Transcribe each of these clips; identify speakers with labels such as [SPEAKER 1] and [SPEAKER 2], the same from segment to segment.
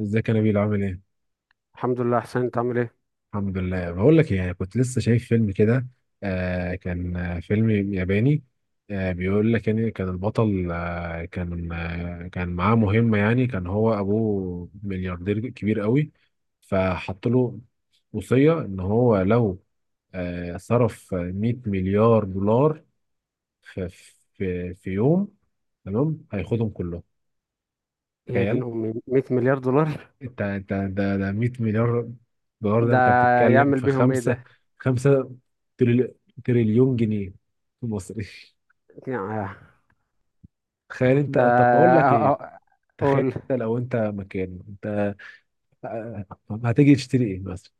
[SPEAKER 1] ازيك يا نبيل؟ عامل ايه؟
[SPEAKER 2] الحمد لله حسين، انت عامل ايه؟
[SPEAKER 1] الحمد لله، بقول لك ايه، كنت لسه شايف فيلم كده. كان فيلم ياباني. بيقول لك يعني كان البطل كان معاه مهمة. يعني كان هو ابوه ملياردير كبير قوي، فحط له وصية ان هو لو صرف 100 مليار دولار في في يوم، تمام، هياخدهم كلهم.
[SPEAKER 2] يا دين
[SPEAKER 1] تخيل.
[SPEAKER 2] امي، 100 مليار دولار.
[SPEAKER 1] انت ده 100 مليار دولار، ده
[SPEAKER 2] ده
[SPEAKER 1] انت بتتكلم
[SPEAKER 2] يعمل
[SPEAKER 1] في
[SPEAKER 2] بيهم ايه
[SPEAKER 1] خمسة
[SPEAKER 2] ده؟
[SPEAKER 1] خمسة تريل- تريليون جنيه مصري.
[SPEAKER 2] يا-
[SPEAKER 1] تخيل انت.
[SPEAKER 2] ده
[SPEAKER 1] طب بقول لك
[SPEAKER 2] اه-
[SPEAKER 1] ايه،
[SPEAKER 2] اه-
[SPEAKER 1] تخيل
[SPEAKER 2] قول.
[SPEAKER 1] انت لو انت مكانه انت، آه، هتيجي تشتري ايه مثلا؟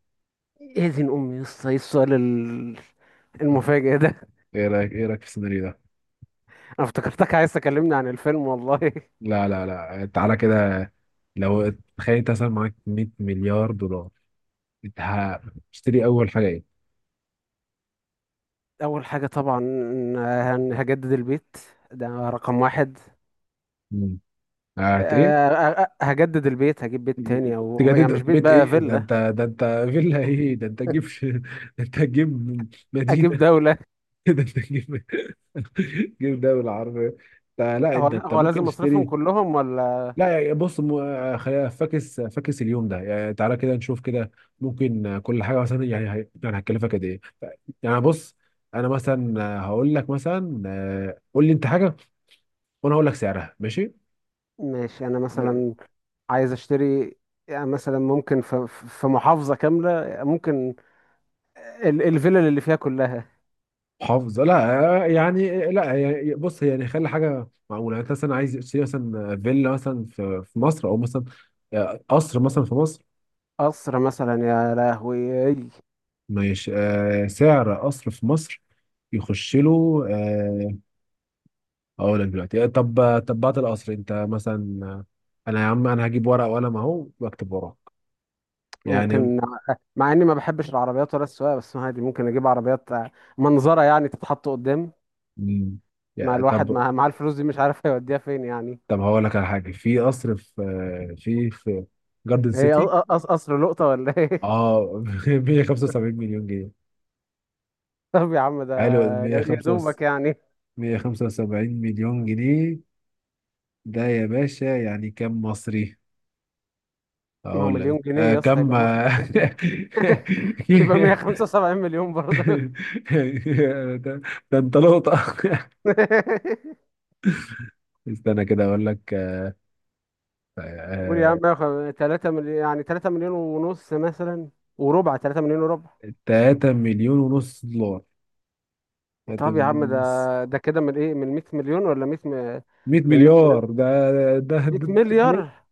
[SPEAKER 2] يا دين امي يا اسطى، ايه السؤال المفاجئ ده؟
[SPEAKER 1] ايه رايك في السيناريو ده؟
[SPEAKER 2] انا افتكرتك عايز تكلمني عن الفيلم والله.
[SPEAKER 1] لا لا لا، تعالى كده، لو تخيل انت مثلا معاك 100 مليار دولار، انت هتشتري اول حاجه ايه؟
[SPEAKER 2] اول حاجه طبعا، هجدد البيت. ده رقم واحد.
[SPEAKER 1] مم. هت ايه؟
[SPEAKER 2] اه، هجدد البيت، هجيب بيت تاني، او يعني مش
[SPEAKER 1] تجدد
[SPEAKER 2] بيت
[SPEAKER 1] بيت؟
[SPEAKER 2] بقى،
[SPEAKER 1] ايه ده
[SPEAKER 2] فيلا.
[SPEAKER 1] انت، ده انت فيلا؟ ايه ده انت تجيب ده، انت تجيب مدينه؟
[SPEAKER 2] اجيب دوله.
[SPEAKER 1] ده انت تجيب دوله عربيه. ده لا،
[SPEAKER 2] هو
[SPEAKER 1] انت
[SPEAKER 2] هو
[SPEAKER 1] ممكن
[SPEAKER 2] لازم اصرفهم
[SPEAKER 1] تشتري.
[SPEAKER 2] كلهم ولا؟
[SPEAKER 1] لا يعني بص، خلينا فاكس اليوم ده يعني، تعالى كده نشوف كده ممكن كل حاجه مثلا، يعني يعني هتكلفك قد ايه. يعني بص، انا مثلا هقول لك مثلا، قول لي انت حاجه وانا هقول لك سعرها. ماشي،
[SPEAKER 2] ماشي، انا مثلا عايز اشتري. يعني مثلا ممكن في محافظة كاملة، ممكن الفلل اللي فيها كلها.
[SPEAKER 1] حافظ لا، لا يعني بص، يعني خلي حاجه معقوله، يعني انت مثلا عايز تشتري مثلا، فيلا مثلا في مصر، او مثلا قصر مثلا في مصر.
[SPEAKER 2] قصر مثلا، يا لهوي.
[SPEAKER 1] ماشي، سعر قصر في مصر يخش له، اقول لك دلوقتي. طب، طب بعد القصر انت مثلا، انا يا عم، انا هجيب ورقه وقلم اهو واكتب وراك يعني.
[SPEAKER 2] ممكن. مع اني ما بحبش العربيات ولا السواقة، بس عادي ممكن اجيب عربيات منظرة يعني، تتحط قدام.
[SPEAKER 1] مم،
[SPEAKER 2] مع
[SPEAKER 1] يا-
[SPEAKER 2] الواحد،
[SPEAKER 1] طب،
[SPEAKER 2] مع الفلوس دي مش عارف هيوديها فين يعني.
[SPEAKER 1] طب هقول لك على حاجه. في قصر في، في جاردن
[SPEAKER 2] هي ق-
[SPEAKER 1] سيتي.
[SPEAKER 2] ق- قصر لقطة ولا ايه؟
[SPEAKER 1] اه. 175 مليون جنيه.
[SPEAKER 2] طب يا عم، ده
[SPEAKER 1] حلو،
[SPEAKER 2] يا
[SPEAKER 1] 175،
[SPEAKER 2] دوبك يعني.
[SPEAKER 1] 175 مليون جنيه. ده يا باشا يعني كم مصري؟
[SPEAKER 2] ما هو
[SPEAKER 1] اقول لك
[SPEAKER 2] مليون جنيه
[SPEAKER 1] آه
[SPEAKER 2] يا اسطى،
[SPEAKER 1] كم
[SPEAKER 2] يبقى مصري
[SPEAKER 1] آه،
[SPEAKER 2] ازاي؟ يبقى 175 مليون برضه.
[SPEAKER 1] ده, ده انت لقطة. استنى كده اقول لك.
[SPEAKER 2] قول يا
[SPEAKER 1] آه
[SPEAKER 2] عم، يا 3 مليون يعني. 3 مليون ونص مثلا، وربع. 3 مليون وربع.
[SPEAKER 1] 3 مليون ونص دولار، 3
[SPEAKER 2] طب يا عم،
[SPEAKER 1] مليون
[SPEAKER 2] ده
[SPEAKER 1] ونص.
[SPEAKER 2] ده كده من ايه؟ من 100 مليون ولا 100
[SPEAKER 1] 100
[SPEAKER 2] من 100 مليون؟
[SPEAKER 1] مليار ده. ده ده,
[SPEAKER 2] 100
[SPEAKER 1] ده, ده ليه؟
[SPEAKER 2] مليار.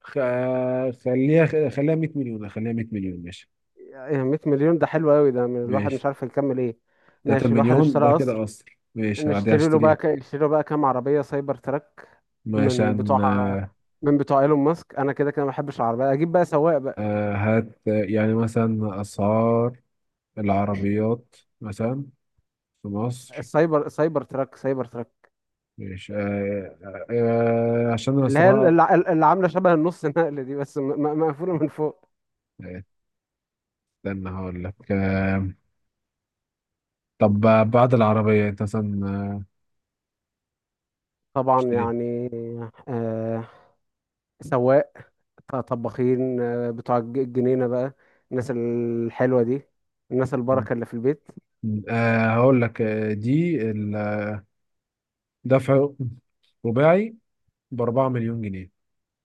[SPEAKER 1] خليها 100 مليون، خليها 100 مليون ماشي.
[SPEAKER 2] ايه 100 مليون ده حلو قوي، ده من الواحد
[SPEAKER 1] ماشي،
[SPEAKER 2] مش عارف يكمل ايه.
[SPEAKER 1] 3
[SPEAKER 2] ماشي، الواحد
[SPEAKER 1] مليون، ده
[SPEAKER 2] اشترى
[SPEAKER 1] كده
[SPEAKER 2] قصر.
[SPEAKER 1] قصر ماشي، هعدي اشتري
[SPEAKER 2] نشتري له بقى كام عربية سايبر تراك؟ من
[SPEAKER 1] مثلا.
[SPEAKER 2] بتوع من بتوع ايلون ماسك. انا كده كده ما بحبش العربية، اجيب بقى سواق بقى.
[SPEAKER 1] هات يعني مثلا أسعار العربيات مثلا في مصر،
[SPEAKER 2] السايبر سايبر تراك سايبر تراك،
[SPEAKER 1] مش عشان أنا
[SPEAKER 2] اللي هي
[SPEAKER 1] الصراحة
[SPEAKER 2] اللي اللي عاملة شبه النص نقل دي، بس مقفولة من فوق.
[SPEAKER 1] آه، استنى هقول لك. طب بعد العربية، أنت مثلا
[SPEAKER 2] طبعا
[SPEAKER 1] اشتري.
[SPEAKER 2] يعني. آه سواق، طباخين، بتوع الجنينة بقى، الناس الحلوة دي، الناس البركة اللي في البيت.
[SPEAKER 1] هقول لك، دي دفع رباعي ب4 مليون جنيه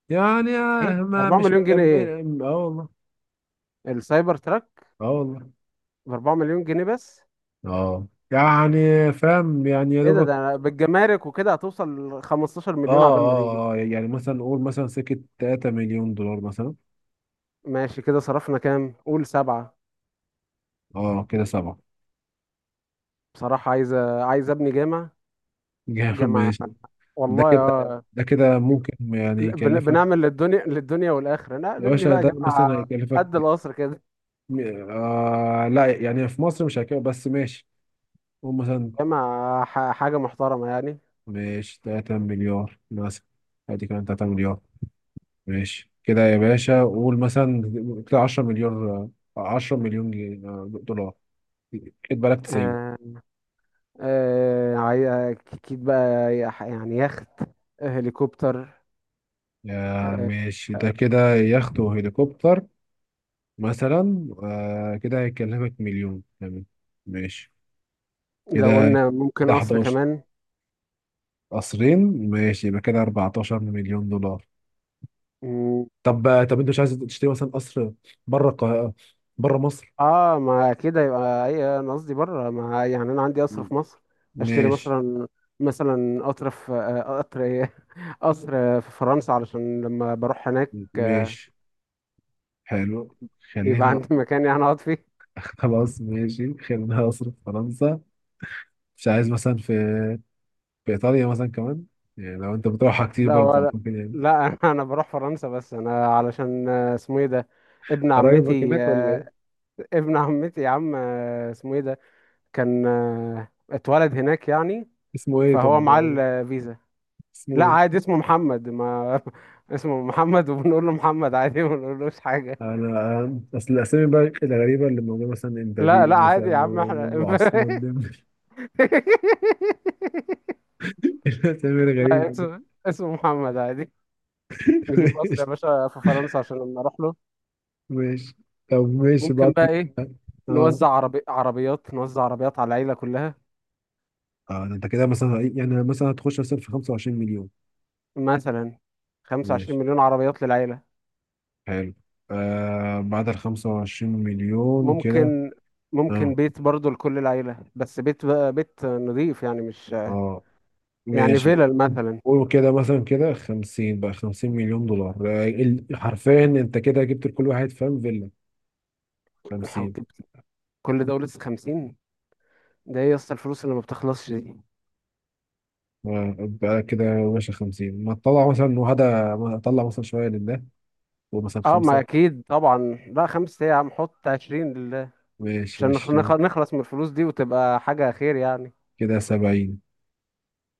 [SPEAKER 1] يعني،
[SPEAKER 2] ايه
[SPEAKER 1] ما
[SPEAKER 2] 4
[SPEAKER 1] مش
[SPEAKER 2] مليون جنيه؟ ايه
[SPEAKER 1] مكمل. اه والله،
[SPEAKER 2] السايبر تراك
[SPEAKER 1] اه والله.
[SPEAKER 2] ب 4 مليون جنيه بس؟
[SPEAKER 1] اه يعني فاهم يعني، يا
[SPEAKER 2] ايه ده؟
[SPEAKER 1] دوبك.
[SPEAKER 2] ده بالجمارك وكده هتوصل 15
[SPEAKER 1] اه
[SPEAKER 2] مليون عبال ما تيجي.
[SPEAKER 1] اه اه، يعني مثلا نقول مثلا سكة 3 مليون دولار مثلا.
[SPEAKER 2] ماشي، كده صرفنا كام؟ قول سبعة.
[SPEAKER 1] اه كده 7.
[SPEAKER 2] بصراحة، عايز ابني جامع.
[SPEAKER 1] جامد
[SPEAKER 2] جامع
[SPEAKER 1] ماشي. ده
[SPEAKER 2] والله
[SPEAKER 1] كده
[SPEAKER 2] يا
[SPEAKER 1] ده كده ممكن يعني يكلفك،
[SPEAKER 2] بنعمل للدنيا، للدنيا والآخرة. لا،
[SPEAKER 1] يا
[SPEAKER 2] نبني
[SPEAKER 1] باشا
[SPEAKER 2] بقى
[SPEAKER 1] ده مثلا
[SPEAKER 2] جامعة
[SPEAKER 1] هيكلفك،
[SPEAKER 2] قد القصر كده.
[SPEAKER 1] آه لا يعني في مصر مش هيكلفك، بس ماشي قول مثلا.
[SPEAKER 2] جامعة، حاجة محترمة يعني.
[SPEAKER 1] ماشي 3 مليار مثلا، ادي كمان 3 مليار. ماشي كده يا باشا، قول مثلا كده 10 مليار، 10 مليون جنيه، دولار. خد بالك، 90.
[SPEAKER 2] آه أكيد بقى، يعني يخت، هليكوبتر.
[SPEAKER 1] آه
[SPEAKER 2] آه،
[SPEAKER 1] ماشي، ده كده يخت وهليكوبتر مثلا، آه كده هيكلفك مليون. تمام، ماشي
[SPEAKER 2] لو
[SPEAKER 1] كده
[SPEAKER 2] قلنا ممكن
[SPEAKER 1] ده
[SPEAKER 2] قصر
[SPEAKER 1] 11
[SPEAKER 2] كمان.
[SPEAKER 1] قصرين. ماشي يبقى كده 14 مليون دولار.
[SPEAKER 2] مم،
[SPEAKER 1] طب طب انت مش عايز تشتري مثلا قصر بره القاهرة، بره مصر؟
[SPEAKER 2] اه، ما كده يبقى اي، انا قصدي بره. ما يعني انا عندي قصر في مصر، اشتري
[SPEAKER 1] ماشي،
[SPEAKER 2] مثلا. مثلا قطر، في قطر ايه، قصر في فرنسا، علشان لما بروح هناك
[SPEAKER 1] ماشي، حلو،
[SPEAKER 2] يبقى
[SPEAKER 1] خلينا.
[SPEAKER 2] عندي مكان يعني اقعد فيه.
[SPEAKER 1] خلاص ماشي، خلينا قصر في فرنسا. مش عايز مثلا في ايطاليا مثلا كمان؟ يعني لو انت بتروحها كتير
[SPEAKER 2] لا،
[SPEAKER 1] برضه
[SPEAKER 2] ولا
[SPEAKER 1] ممكن يعني.
[SPEAKER 2] لا. انا بروح فرنسا بس، انا علشان اسمه ايه ده، ابن
[SPEAKER 1] قرايبك
[SPEAKER 2] عمتي.
[SPEAKER 1] هناك ولا ايه؟
[SPEAKER 2] ابن عمتي يا عم، اسمه ايه ده؟ كان اتولد هناك يعني،
[SPEAKER 1] اسمه ايه طب؟
[SPEAKER 2] فهو معاه الفيزا.
[SPEAKER 1] اسمه
[SPEAKER 2] لا
[SPEAKER 1] ايه؟
[SPEAKER 2] عادي، اسمه محمد ما. اسمه محمد، وبنقول له محمد عادي، ما بنقولوش حاجة.
[SPEAKER 1] انا اصل الاسامي بقى الغريبه اللي موجوده، مثلا
[SPEAKER 2] لا
[SPEAKER 1] امبابي
[SPEAKER 2] لا، عادي
[SPEAKER 1] مثلا،
[SPEAKER 2] يا عم احنا.
[SPEAKER 1] وابو عثمان ديمبلي. الاسامي الغريبه دي.
[SPEAKER 2] اسمه محمد عادي. نجيب مصر يا
[SPEAKER 1] ماشي.
[SPEAKER 2] باشا في فرنسا عشان لما اروح له.
[SPEAKER 1] ماشي طب، ماشي بعد.
[SPEAKER 2] ممكن بقى ايه؟
[SPEAKER 1] اه،
[SPEAKER 2] عربيات، نوزع عربيات على العيلة كلها.
[SPEAKER 1] اه، ده انت كده مثلا يعني مثلا هتخش مثلا في 25 مليون.
[SPEAKER 2] مثلا
[SPEAKER 1] ماشي،
[SPEAKER 2] 25 مليون عربيات للعيلة.
[SPEAKER 1] حلو. آه بعد ال 25 مليون كده،
[SPEAKER 2] ممكن.
[SPEAKER 1] اه
[SPEAKER 2] بيت برضو لكل العيلة، بس بيت بقى، بيت نظيف يعني، مش
[SPEAKER 1] اه،
[SPEAKER 2] يعني
[SPEAKER 1] ماشي.
[SPEAKER 2] فيلل مثلا.
[SPEAKER 1] قولوا كده مثلا، كده 50 بقى، 50 مليون دولار. حرفيا انت كده جبت لكل واحد، فاهم، فيلا.
[SPEAKER 2] لو
[SPEAKER 1] 50
[SPEAKER 2] جبت كل ده ولسه 50. ده ايه يا اسطى الفلوس اللي ما بتخلصش دي؟
[SPEAKER 1] بقى كده. ماشي، 50 ما تطلع مثلا، وهذا ما اطلع مثلا شويه لله، ومثلا
[SPEAKER 2] اه، ما
[SPEAKER 1] 5.
[SPEAKER 2] اكيد طبعا. لا، خمسة ايه يا عم، حط 20 لله،
[SPEAKER 1] ماشي،
[SPEAKER 2] عشان
[SPEAKER 1] 20.
[SPEAKER 2] نخلص من الفلوس دي، وتبقى حاجة خير يعني.
[SPEAKER 1] كده 70.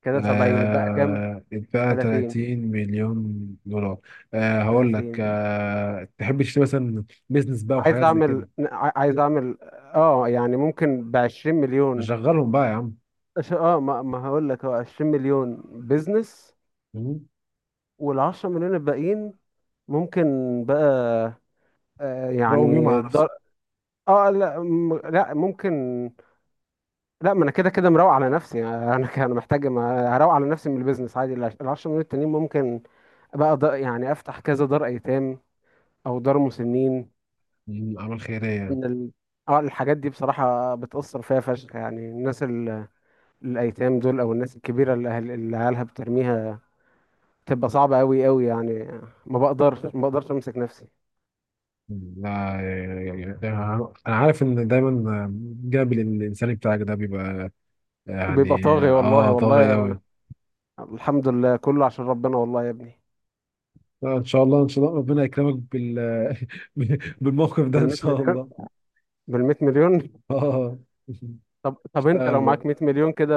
[SPEAKER 2] كده 70، بقى كام؟
[SPEAKER 1] آه بقى
[SPEAKER 2] 30.
[SPEAKER 1] 30 مليون دولار. آه هقول لك،
[SPEAKER 2] 30.
[SPEAKER 1] تحب تشتري مثلا بيزنس بقى وحاجات زي كده؟
[SPEAKER 2] عايز اعمل، اه يعني ممكن ب 20 مليون.
[SPEAKER 1] شغلهم بقى يا عم.
[SPEAKER 2] ما هقول لك، اه 20 مليون بيزنس.
[SPEAKER 1] مم.
[SPEAKER 2] وال 10 مليون الباقيين ممكن بقى،
[SPEAKER 1] روقوا
[SPEAKER 2] يعني
[SPEAKER 1] بيهم على نفسك.
[SPEAKER 2] دار. اه لا، لا، ممكن. لا، ما انا كده كده مروق على نفسي. يعني انا انا محتاج، هروق على نفسي من البيزنس عادي. ال 10 مليون التانيين ممكن بقى دار يعني، افتح كذا دار ايتام او دار مسنين.
[SPEAKER 1] مم، اعمال خيريه يعني.
[SPEAKER 2] ان ال... اه، الحاجات دي بصراحة بتأثر فيها فشخ يعني الناس. الايتام دول، او الناس الكبيره اللي اللي عيالها بترميها، تبقى صعبه قوي قوي يعني. ما بقدرش امسك نفسي.
[SPEAKER 1] مم، لا يعني، يعني، انا عارف ان دايما جانب الانساني بتاعك ده بيبقى
[SPEAKER 2] بيبقى
[SPEAKER 1] يعني،
[SPEAKER 2] طاغي، والله
[SPEAKER 1] اه، طاغي
[SPEAKER 2] والله.
[SPEAKER 1] قوي.
[SPEAKER 2] الحمد لله كله عشان ربنا، والله يا ابني.
[SPEAKER 1] ان شاء الله، ان شاء الله ربنا يكرمك بال بالموقف ده
[SPEAKER 2] بال
[SPEAKER 1] ان
[SPEAKER 2] 100
[SPEAKER 1] شاء
[SPEAKER 2] مليون،
[SPEAKER 1] الله.
[SPEAKER 2] بال 100 مليون.
[SPEAKER 1] اه،
[SPEAKER 2] طب انت
[SPEAKER 1] اشتغل
[SPEAKER 2] لو
[SPEAKER 1] بقى.
[SPEAKER 2] معاك 100 مليون كده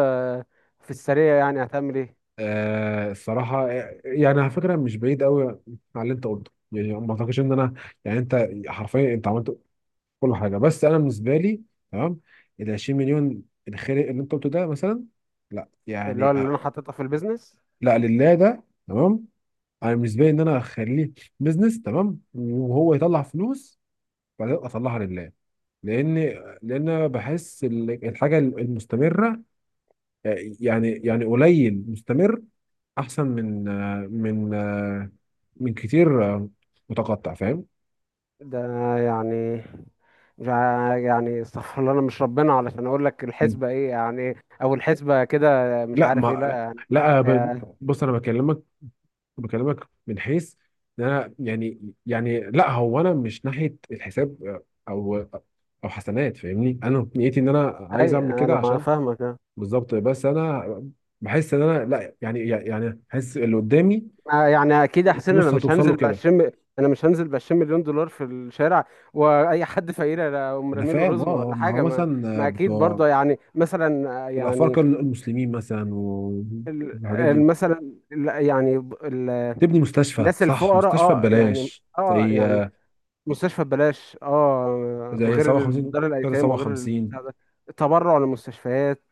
[SPEAKER 2] في السريع، يعني هتعمل ايه؟
[SPEAKER 1] آه الصراحه يعني، على فكره مش بعيد قوي على اللي انت قلته، يعني ما اعتقدش ان انا، يعني انت حرفيا انت عملت كل حاجه، بس انا بالنسبه لي تمام. ال 20 مليون الخير اللي انت قلته ده مثلا، لا
[SPEAKER 2] اللي هو
[SPEAKER 1] يعني
[SPEAKER 2] اللي انا حاططها في البيزنس.
[SPEAKER 1] لا لله ده تمام. انا بالنسبه لي ان انا اخليه بزنس تمام، وهو يطلع فلوس، بعدين أبقى اطلعها لله. لان لان أنا بحس الحاجه المستمره، يعني، يعني قليل مستمر احسن من، من من كتير متقطع، فاهم.
[SPEAKER 2] ده أنا يعني مش ع- يعني استغفر الله، انا مش ربنا علشان اقول لك
[SPEAKER 1] مم.
[SPEAKER 2] الحسبه ايه يعني، او الحسبه كده. مش
[SPEAKER 1] لا
[SPEAKER 2] عارف ايه، لا
[SPEAKER 1] ما،
[SPEAKER 2] يعني.
[SPEAKER 1] لا
[SPEAKER 2] آه،
[SPEAKER 1] بص انا بكلمك، بكلمك من حيث إن انا يعني، لا هو انا مش ناحيه الحساب، او او حسنات، فاهمني. انا نيتي ان انا عايز
[SPEAKER 2] اي،
[SPEAKER 1] اعمل كده
[SPEAKER 2] انا ما
[SPEAKER 1] عشان،
[SPEAKER 2] فاهمك.
[SPEAKER 1] بالظبط، بس انا بحس ان انا لا يعني، احس اللي قدامي
[SPEAKER 2] ما يعني اكيد يا حسين، انا
[SPEAKER 1] فلوس
[SPEAKER 2] مش
[SPEAKER 1] هتوصل
[SPEAKER 2] هنزل
[SPEAKER 1] له
[SPEAKER 2] ب
[SPEAKER 1] كده.
[SPEAKER 2] 20، انا مش هنزل ب 20 مليون دولار في الشارع واي حد فقير انا اقوم
[SPEAKER 1] انا
[SPEAKER 2] رامي له
[SPEAKER 1] فاهم، اه،
[SPEAKER 2] رزمه ولا
[SPEAKER 1] ما
[SPEAKER 2] حاجه،
[SPEAKER 1] هو
[SPEAKER 2] ما.
[SPEAKER 1] مثلا
[SPEAKER 2] ما اكيد
[SPEAKER 1] بتوع
[SPEAKER 2] برضه يعني مثلا، يعني
[SPEAKER 1] الافارقه المسلمين مثلا
[SPEAKER 2] ال-
[SPEAKER 1] والحاجات دي.
[SPEAKER 2] ال- مثلا ال- يعني ب- ال-
[SPEAKER 1] تبني مستشفى،
[SPEAKER 2] الناس
[SPEAKER 1] صح،
[SPEAKER 2] الفقراء،
[SPEAKER 1] مستشفى
[SPEAKER 2] اه يعني.
[SPEAKER 1] ببلاش
[SPEAKER 2] اه
[SPEAKER 1] زي
[SPEAKER 2] يعني مستشفى ببلاش، اه،
[SPEAKER 1] زي
[SPEAKER 2] وغير
[SPEAKER 1] 57
[SPEAKER 2] دار
[SPEAKER 1] كده،
[SPEAKER 2] الايتام، وغير
[SPEAKER 1] 57.
[SPEAKER 2] البتاع ده. تبرع للمستشفيات.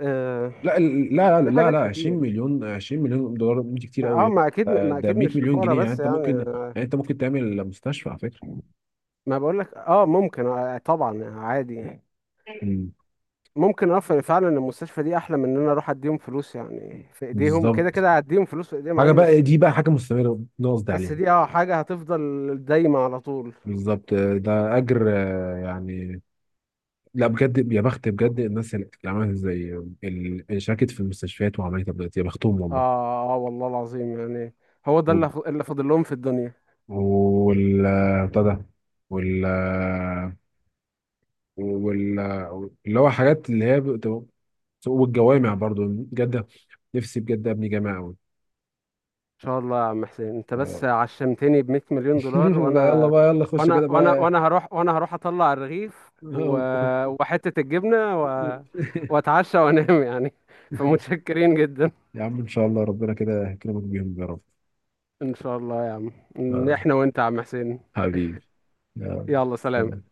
[SPEAKER 2] آه.
[SPEAKER 1] لا لا لا
[SPEAKER 2] دي
[SPEAKER 1] لا لا،
[SPEAKER 2] حاجات
[SPEAKER 1] 20
[SPEAKER 2] كتير.
[SPEAKER 1] مليون، 20 مليون دولار دي كتير قوي يا
[SPEAKER 2] اه،
[SPEAKER 1] ابني.
[SPEAKER 2] ما
[SPEAKER 1] ده
[SPEAKER 2] اكيد
[SPEAKER 1] 100
[SPEAKER 2] مش
[SPEAKER 1] مليون
[SPEAKER 2] للفقراء
[SPEAKER 1] جنيه، يعني
[SPEAKER 2] بس
[SPEAKER 1] انت ممكن
[SPEAKER 2] يعني.
[SPEAKER 1] يعني، انت ممكن تعمل مستشفى على فكره.
[SPEAKER 2] ما بقول لك اه ممكن، آه طبعا عادي يعني.
[SPEAKER 1] مم.
[SPEAKER 2] ممكن، اه فعلا المستشفى دي احلى من ان انا اروح اديهم فلوس يعني، في ايديهم كده
[SPEAKER 1] بالظبط،
[SPEAKER 2] كده هديهم فلوس في ايديهم
[SPEAKER 1] حاجه
[SPEAKER 2] عادي.
[SPEAKER 1] بقى
[SPEAKER 2] بس،
[SPEAKER 1] دي، بقى حاجه مستمره، ده قصدي
[SPEAKER 2] بس
[SPEAKER 1] عليها.
[SPEAKER 2] دي اه حاجة هتفضل دايمة على طول.
[SPEAKER 1] بالظبط، ده اجر يعني. لا بجد، يا بخت بجد الناس اللي عملت زي اللي شاركت في المستشفيات وعملت تبديلات، يا بختهم والله.
[SPEAKER 2] اه اه، والله العظيم يعني. هو ده
[SPEAKER 1] وال
[SPEAKER 2] اللي فاضل لهم في الدنيا. ان
[SPEAKER 1] بتاع ده، وال وال اللي هو حاجات اللي هي والجوامع برضو. جدة، نفسي بجد ابني جامع قوي.
[SPEAKER 2] شاء الله يا عم حسين، انت بس
[SPEAKER 1] آه.
[SPEAKER 2] عشمتني ب 100 مليون دولار.
[SPEAKER 1] لا يلا بقى، يلا خش كده بقى.
[SPEAKER 2] وانا هروح، اطلع الرغيف، و، وحتة الجبنة، و، واتعشى وانام يعني. فمتشكرين جدا.
[SPEAKER 1] يا عم ان شاء الله ربنا كده يكرمك بيهم يا رب.
[SPEAKER 2] ان شاء الله يا عم. إن
[SPEAKER 1] آه،
[SPEAKER 2] احنا وانت يا عم حسين.
[SPEAKER 1] حبيبي، يلا
[SPEAKER 2] يلا، سلام.
[SPEAKER 1] سلام.